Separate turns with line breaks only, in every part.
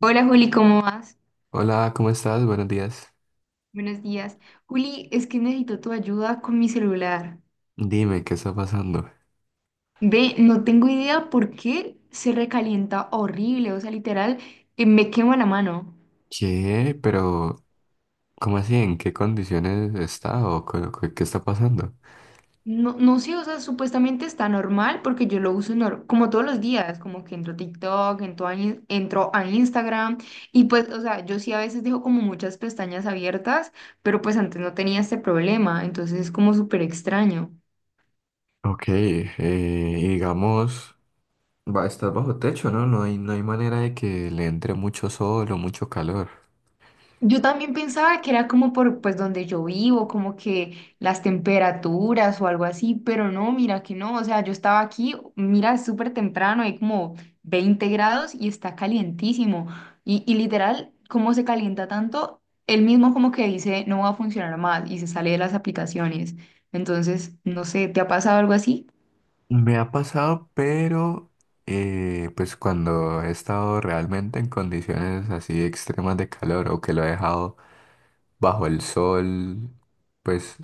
Hola Juli, ¿cómo vas?
Hola, ¿cómo estás? Buenos días.
Buenos días. Juli, es que necesito tu ayuda con mi celular.
Dime, ¿qué está pasando?
Ve, no tengo idea por qué se recalienta horrible, o sea, literal, me quema la mano.
¿Qué? Pero, ¿cómo así? ¿En qué condiciones está o qué está pasando?
No sé, o sea, supuestamente está normal porque yo lo uso como todos los días, como que entro a TikTok, entro a Instagram y pues, o sea, yo sí a veces dejo como muchas pestañas abiertas, pero pues antes no tenía este problema, entonces es como súper extraño.
Ok, y digamos, va, estás bajo techo, ¿no? No hay manera de que le entre mucho sol o mucho calor.
Yo también pensaba que era como por pues donde yo vivo, como que las temperaturas o algo así, pero no, mira que no, o sea, yo estaba aquí, mira, es súper temprano, hay como 20 grados y está calientísimo. Y literal, ¿cómo se calienta tanto? Él mismo como que dice, no va a funcionar más y se sale de las aplicaciones. Entonces, no sé, ¿te ha pasado algo así?
Me ha pasado, pero pues cuando he estado realmente en condiciones así extremas de calor o que lo he dejado bajo el sol, pues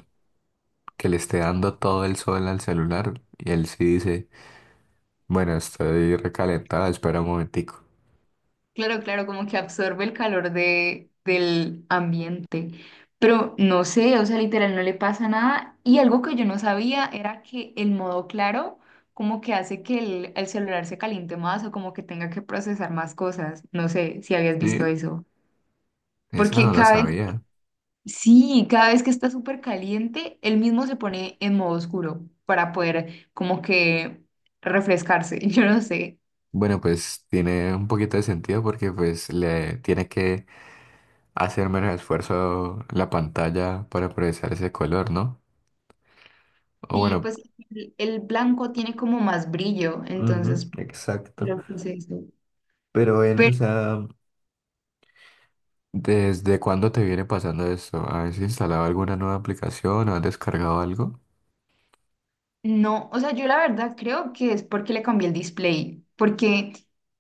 que le esté dando todo el sol al celular y él sí dice, bueno, estoy recalentada, espera un momentico.
Claro, claro, como que absorbe el calor del ambiente. Pero no sé, o sea, literal, no le pasa nada. Y algo que yo no sabía era que el modo claro como que hace que el celular se caliente más o como que tenga que procesar más cosas. No sé si habías visto
Sí,
eso.
esa
Porque
no la
cada vez,
sabía.
sí, cada vez que está súper caliente, él mismo se pone en modo oscuro para poder como que refrescarse. Yo no sé.
Bueno, pues tiene un poquito de sentido porque pues le tiene que hacer menos esfuerzo la pantalla para procesar ese color, ¿no? O
Sí,
bueno,
pues el blanco tiene como más brillo,
ujú,
entonces
exacto.
creo que es eso.
Pero él, o sea, ¿desde cuándo te viene pasando esto? ¿Has instalado alguna nueva aplicación o has descargado algo?
No, o sea, yo la verdad creo que es porque le cambié el display, porque,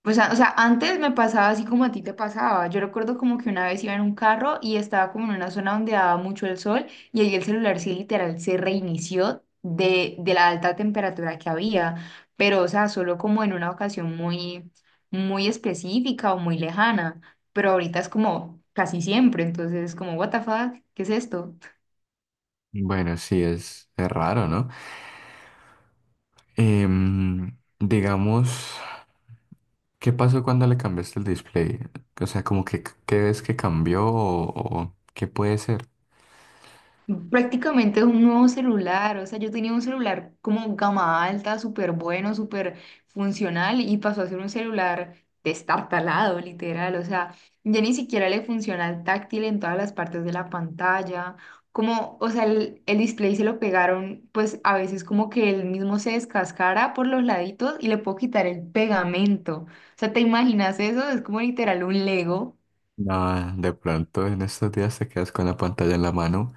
o sea, antes me pasaba así como a ti te pasaba. Yo recuerdo como que una vez iba en un carro y estaba como en una zona donde daba mucho el sol y ahí el celular sí literal se reinició de la alta temperatura que había, pero, o sea, solo como en una ocasión muy específica o muy lejana, pero ahorita es como casi siempre, entonces como, what the fuck, ¿qué es esto?
Bueno, sí, es raro, ¿no? Digamos, ¿qué pasó cuando le cambiaste el display? O sea, como que qué ves que cambió o qué puede ser.
Prácticamente es un nuevo celular, o sea, yo tenía un celular como gama alta, súper bueno, súper funcional y pasó a ser un celular destartalado, literal, o sea, ya ni siquiera le funciona el táctil en todas las partes de la pantalla, como, o sea, el display se lo pegaron, pues a veces como que el mismo se descascara por los laditos y le puedo quitar el pegamento, o sea, ¿te imaginas eso? Es como literal un Lego.
Nada, de pronto en estos días te quedas con la pantalla en la mano.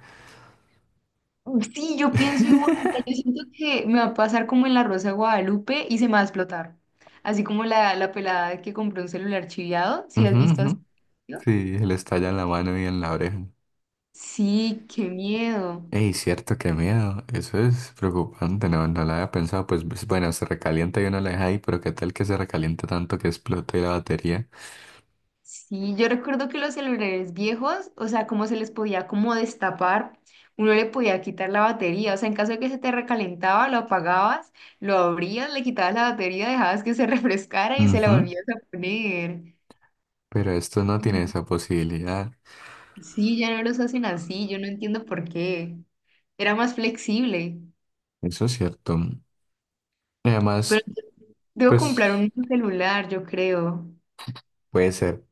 Sí, yo pienso igual, o sea, yo siento que me va a pasar como en La Rosa de Guadalupe y se me va a explotar. Así como la pelada que compró un celular chiviado, ¿si
Ujú,
has visto así?
ujú.
¿no?
Sí, le estalla en la mano y en la oreja.
Sí, qué miedo.
Ey, cierto, qué miedo. Eso es preocupante, no, no lo había pensado. Bueno, se recalienta y uno la deja ahí, pero qué tal que se recaliente tanto que explote la batería.
Sí, yo recuerdo que los celulares viejos, o sea, cómo se les podía como destapar, uno le podía quitar la batería, o sea, en caso de que se te recalentaba, lo apagabas, lo abrías, le quitabas la batería, dejabas que se refrescara y se la
Ujú,
volvías a poner.
pero esto no tiene esa posibilidad.
Sí, ya no los hacen así, yo no entiendo por qué. Era más flexible,
Eso es cierto,
pero
además,
debo comprar
pues
un nuevo celular, yo creo.
puede ser.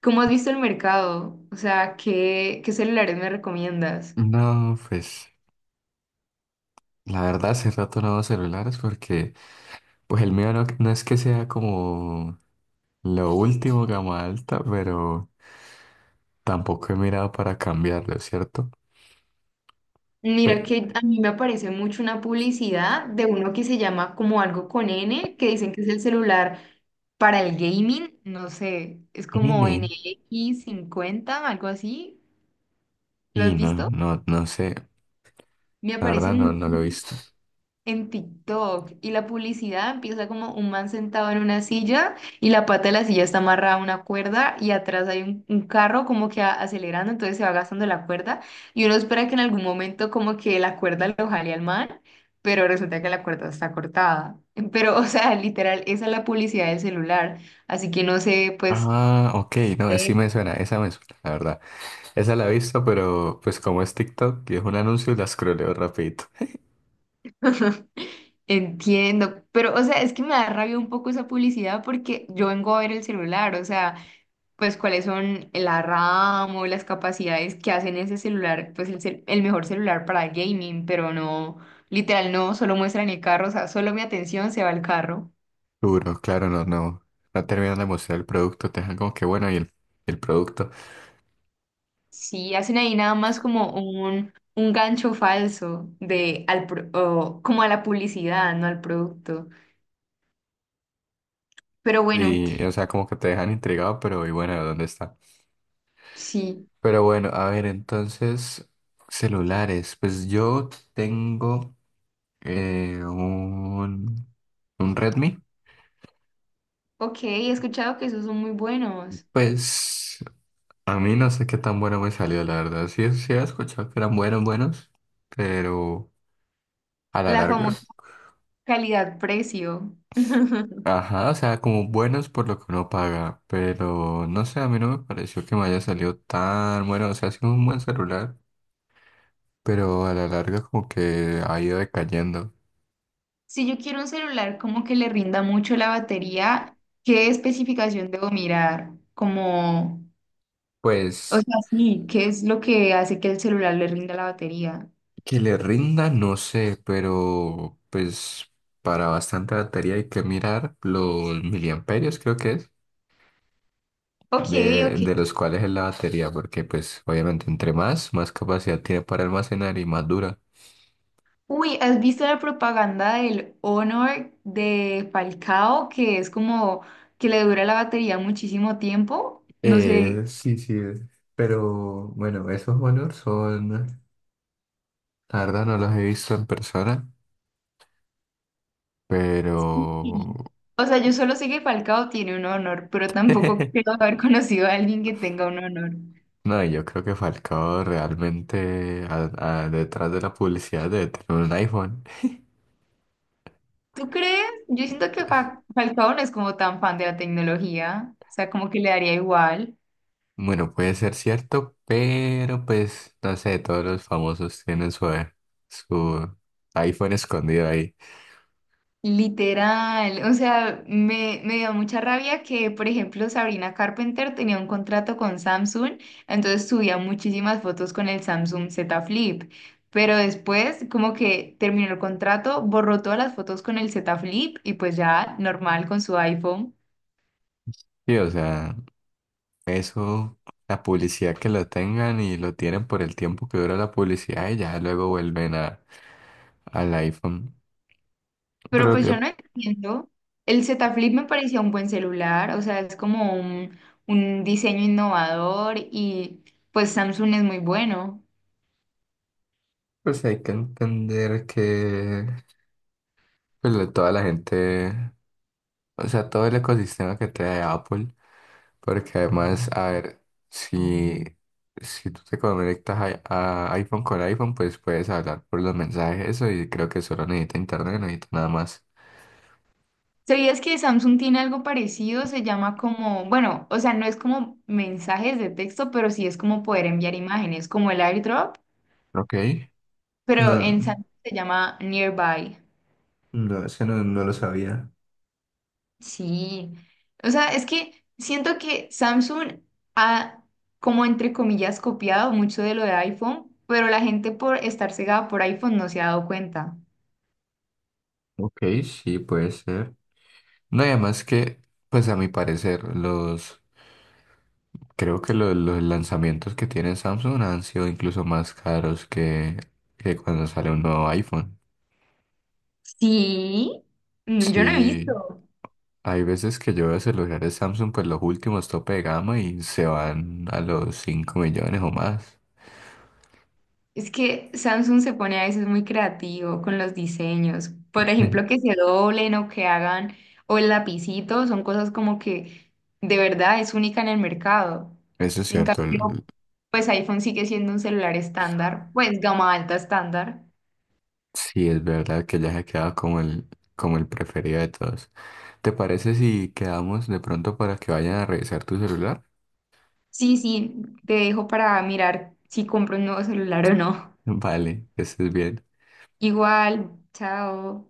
¿Cómo has visto el mercado? O sea, qué celulares me recomiendas?
No, pues la verdad hace rato no hago celulares porque pues el mío no, no es que sea como lo último gama alta, pero tampoco he mirado para cambiarlo, ¿cierto?
Mira
Pe-
que a mí me aparece mucho una publicidad de uno que se llama como algo con N, que dicen que es el celular para el gaming, no sé, es como N
N,
X cincuenta, algo así. ¿Lo
y
has visto?
no sé,
Me
la
aparece
verdad no,
mucho
no lo he visto.
en TikTok y la publicidad empieza como un man sentado en una silla y la pata de la silla está amarrada a una cuerda y atrás hay un carro como que acelerando, entonces se va gastando la cuerda y uno espera que en algún momento como que la cuerda lo jale al man, pero resulta que la cuerda está cortada. Pero, o sea, literal, esa es la publicidad del celular, así que no sé, pues...
Ah, ok, no, sí
Sí.
me suena, esa me suena, la verdad. Esa la he visto, pero pues como es TikTok y es un anuncio, la scrolleo rapidito.
Entiendo, pero o sea, es que me da rabia un poco esa publicidad porque yo vengo a ver el celular, o sea, pues cuáles son la RAM o las capacidades que hacen ese celular, pues el mejor celular para gaming, pero no, literal, no, solo muestran el carro, o sea, solo mi atención se va al carro.
Duro, claro, no, no. No terminan de mostrar el producto, te dejan como que bueno, y el producto.
Sí, hacen ahí nada más como un gancho falso o como a la publicidad, no al producto. Pero bueno,
Y, o sea, como que te dejan intrigado, pero y bueno, ¿dónde está?
sí.
Pero bueno, a ver, entonces, celulares. Pues yo tengo eh, un, un Redmi.
Ok, he escuchado que esos son muy buenos.
Pues a mí no sé qué tan bueno me salió, la verdad. Sí, sí he escuchado que eran buenos, buenos, pero a la
La
larga.
famosa calidad-precio.
Ajá, o sea, como buenos por lo que uno paga, pero no sé, a mí no me pareció que me haya salido tan bueno, o sea, ha sido un buen celular, pero a la larga como que ha ido decayendo.
Si yo quiero un celular como que le rinda mucho la batería, ¿qué especificación debo mirar? Como, o
Pues
sea, sí, ¿qué es lo que hace que el celular le rinda la batería?
que le rinda, no sé, pero pues para bastante batería hay que mirar los miliamperios, creo que es,
Ok, ok.
de los cuales es la batería, porque pues obviamente entre más, más capacidad tiene para almacenar y más dura.
Uy, ¿has visto la propaganda del Honor de Falcao, que es como que le dura la batería muchísimo tiempo? No sé.
Sí, sí, pero bueno, esos valores son, la verdad no los he visto en persona, pero
Sí. O sea, yo solo sé que Falcao tiene un Honor, pero tampoco creo haber conocido a alguien que tenga un Honor.
no, yo creo que Falcao realmente detrás de la publicidad debe tener un iPhone.
¿Tú crees? Yo siento que Falcao no es como tan fan de la tecnología, o sea, como que le daría igual.
Bueno, puede ser cierto, pero pues no sé, todos los famosos tienen su, su iPhone escondido ahí.
Literal, o sea, me dio mucha rabia que, por ejemplo, Sabrina Carpenter tenía un contrato con Samsung, entonces subía muchísimas fotos con el Samsung Z Flip, pero después como que terminó el contrato, borró todas las fotos con el Z Flip y pues ya normal con su iPhone.
Sí, o sea, eso la publicidad que lo tengan y lo tienen por el tiempo que dura la publicidad y ya luego vuelven a, al iPhone. Pero
Pero
lo
pues yo
que
no entiendo. El Z Flip me parecía un buen celular, o sea, es como un diseño innovador y pues Samsung es muy bueno.
pues hay que entender que pues, la- toda la gente, o sea, todo el ecosistema que trae Apple, porque además, a ver, si, si tú te conectas a iPhone con iPhone, pues puedes hablar por los mensajes, eso, y creo que solo necesita internet, no necesita nada más.
¿Sabías que Samsung tiene algo parecido? Se llama como, bueno, o sea, no es como mensajes de texto, pero sí es como poder enviar imágenes, como el AirDrop,
Ok.
pero en
No,
Samsung se llama Nearby.
no, ese no, no lo sabía.
Sí, o sea, es que siento que Samsung ha, como entre comillas, copiado mucho de lo de iPhone, pero la gente por estar cegada por iPhone no se ha dado cuenta.
Ok, sí, puede ser. No, y además que, pues a mi parecer, los... Creo que los lanzamientos que tiene Samsung han sido incluso más caros que cuando sale un nuevo iPhone.
Sí, mm, yo no he
Sí,
visto.
hay veces que yo veo celulares Samsung, pues los últimos tope de gama y se van a los 5 millones o más.
Es que Samsung se pone a veces muy creativo con los diseños. Por ejemplo, que se doblen o que hagan, o el lapicito, son cosas como que de verdad es única en el mercado.
Eso es
En
cierto,
cambio,
el-
pues iPhone sigue siendo un celular estándar, pues gama alta estándar.
sí es verdad que ya se queda como el preferido de todos. ¿Te parece si quedamos de pronto para que vayan a revisar tu celular?
Sí, sí, te dejo para mirar si compro un nuevo celular o no.
Vale, que estés bien.
Igual, chao.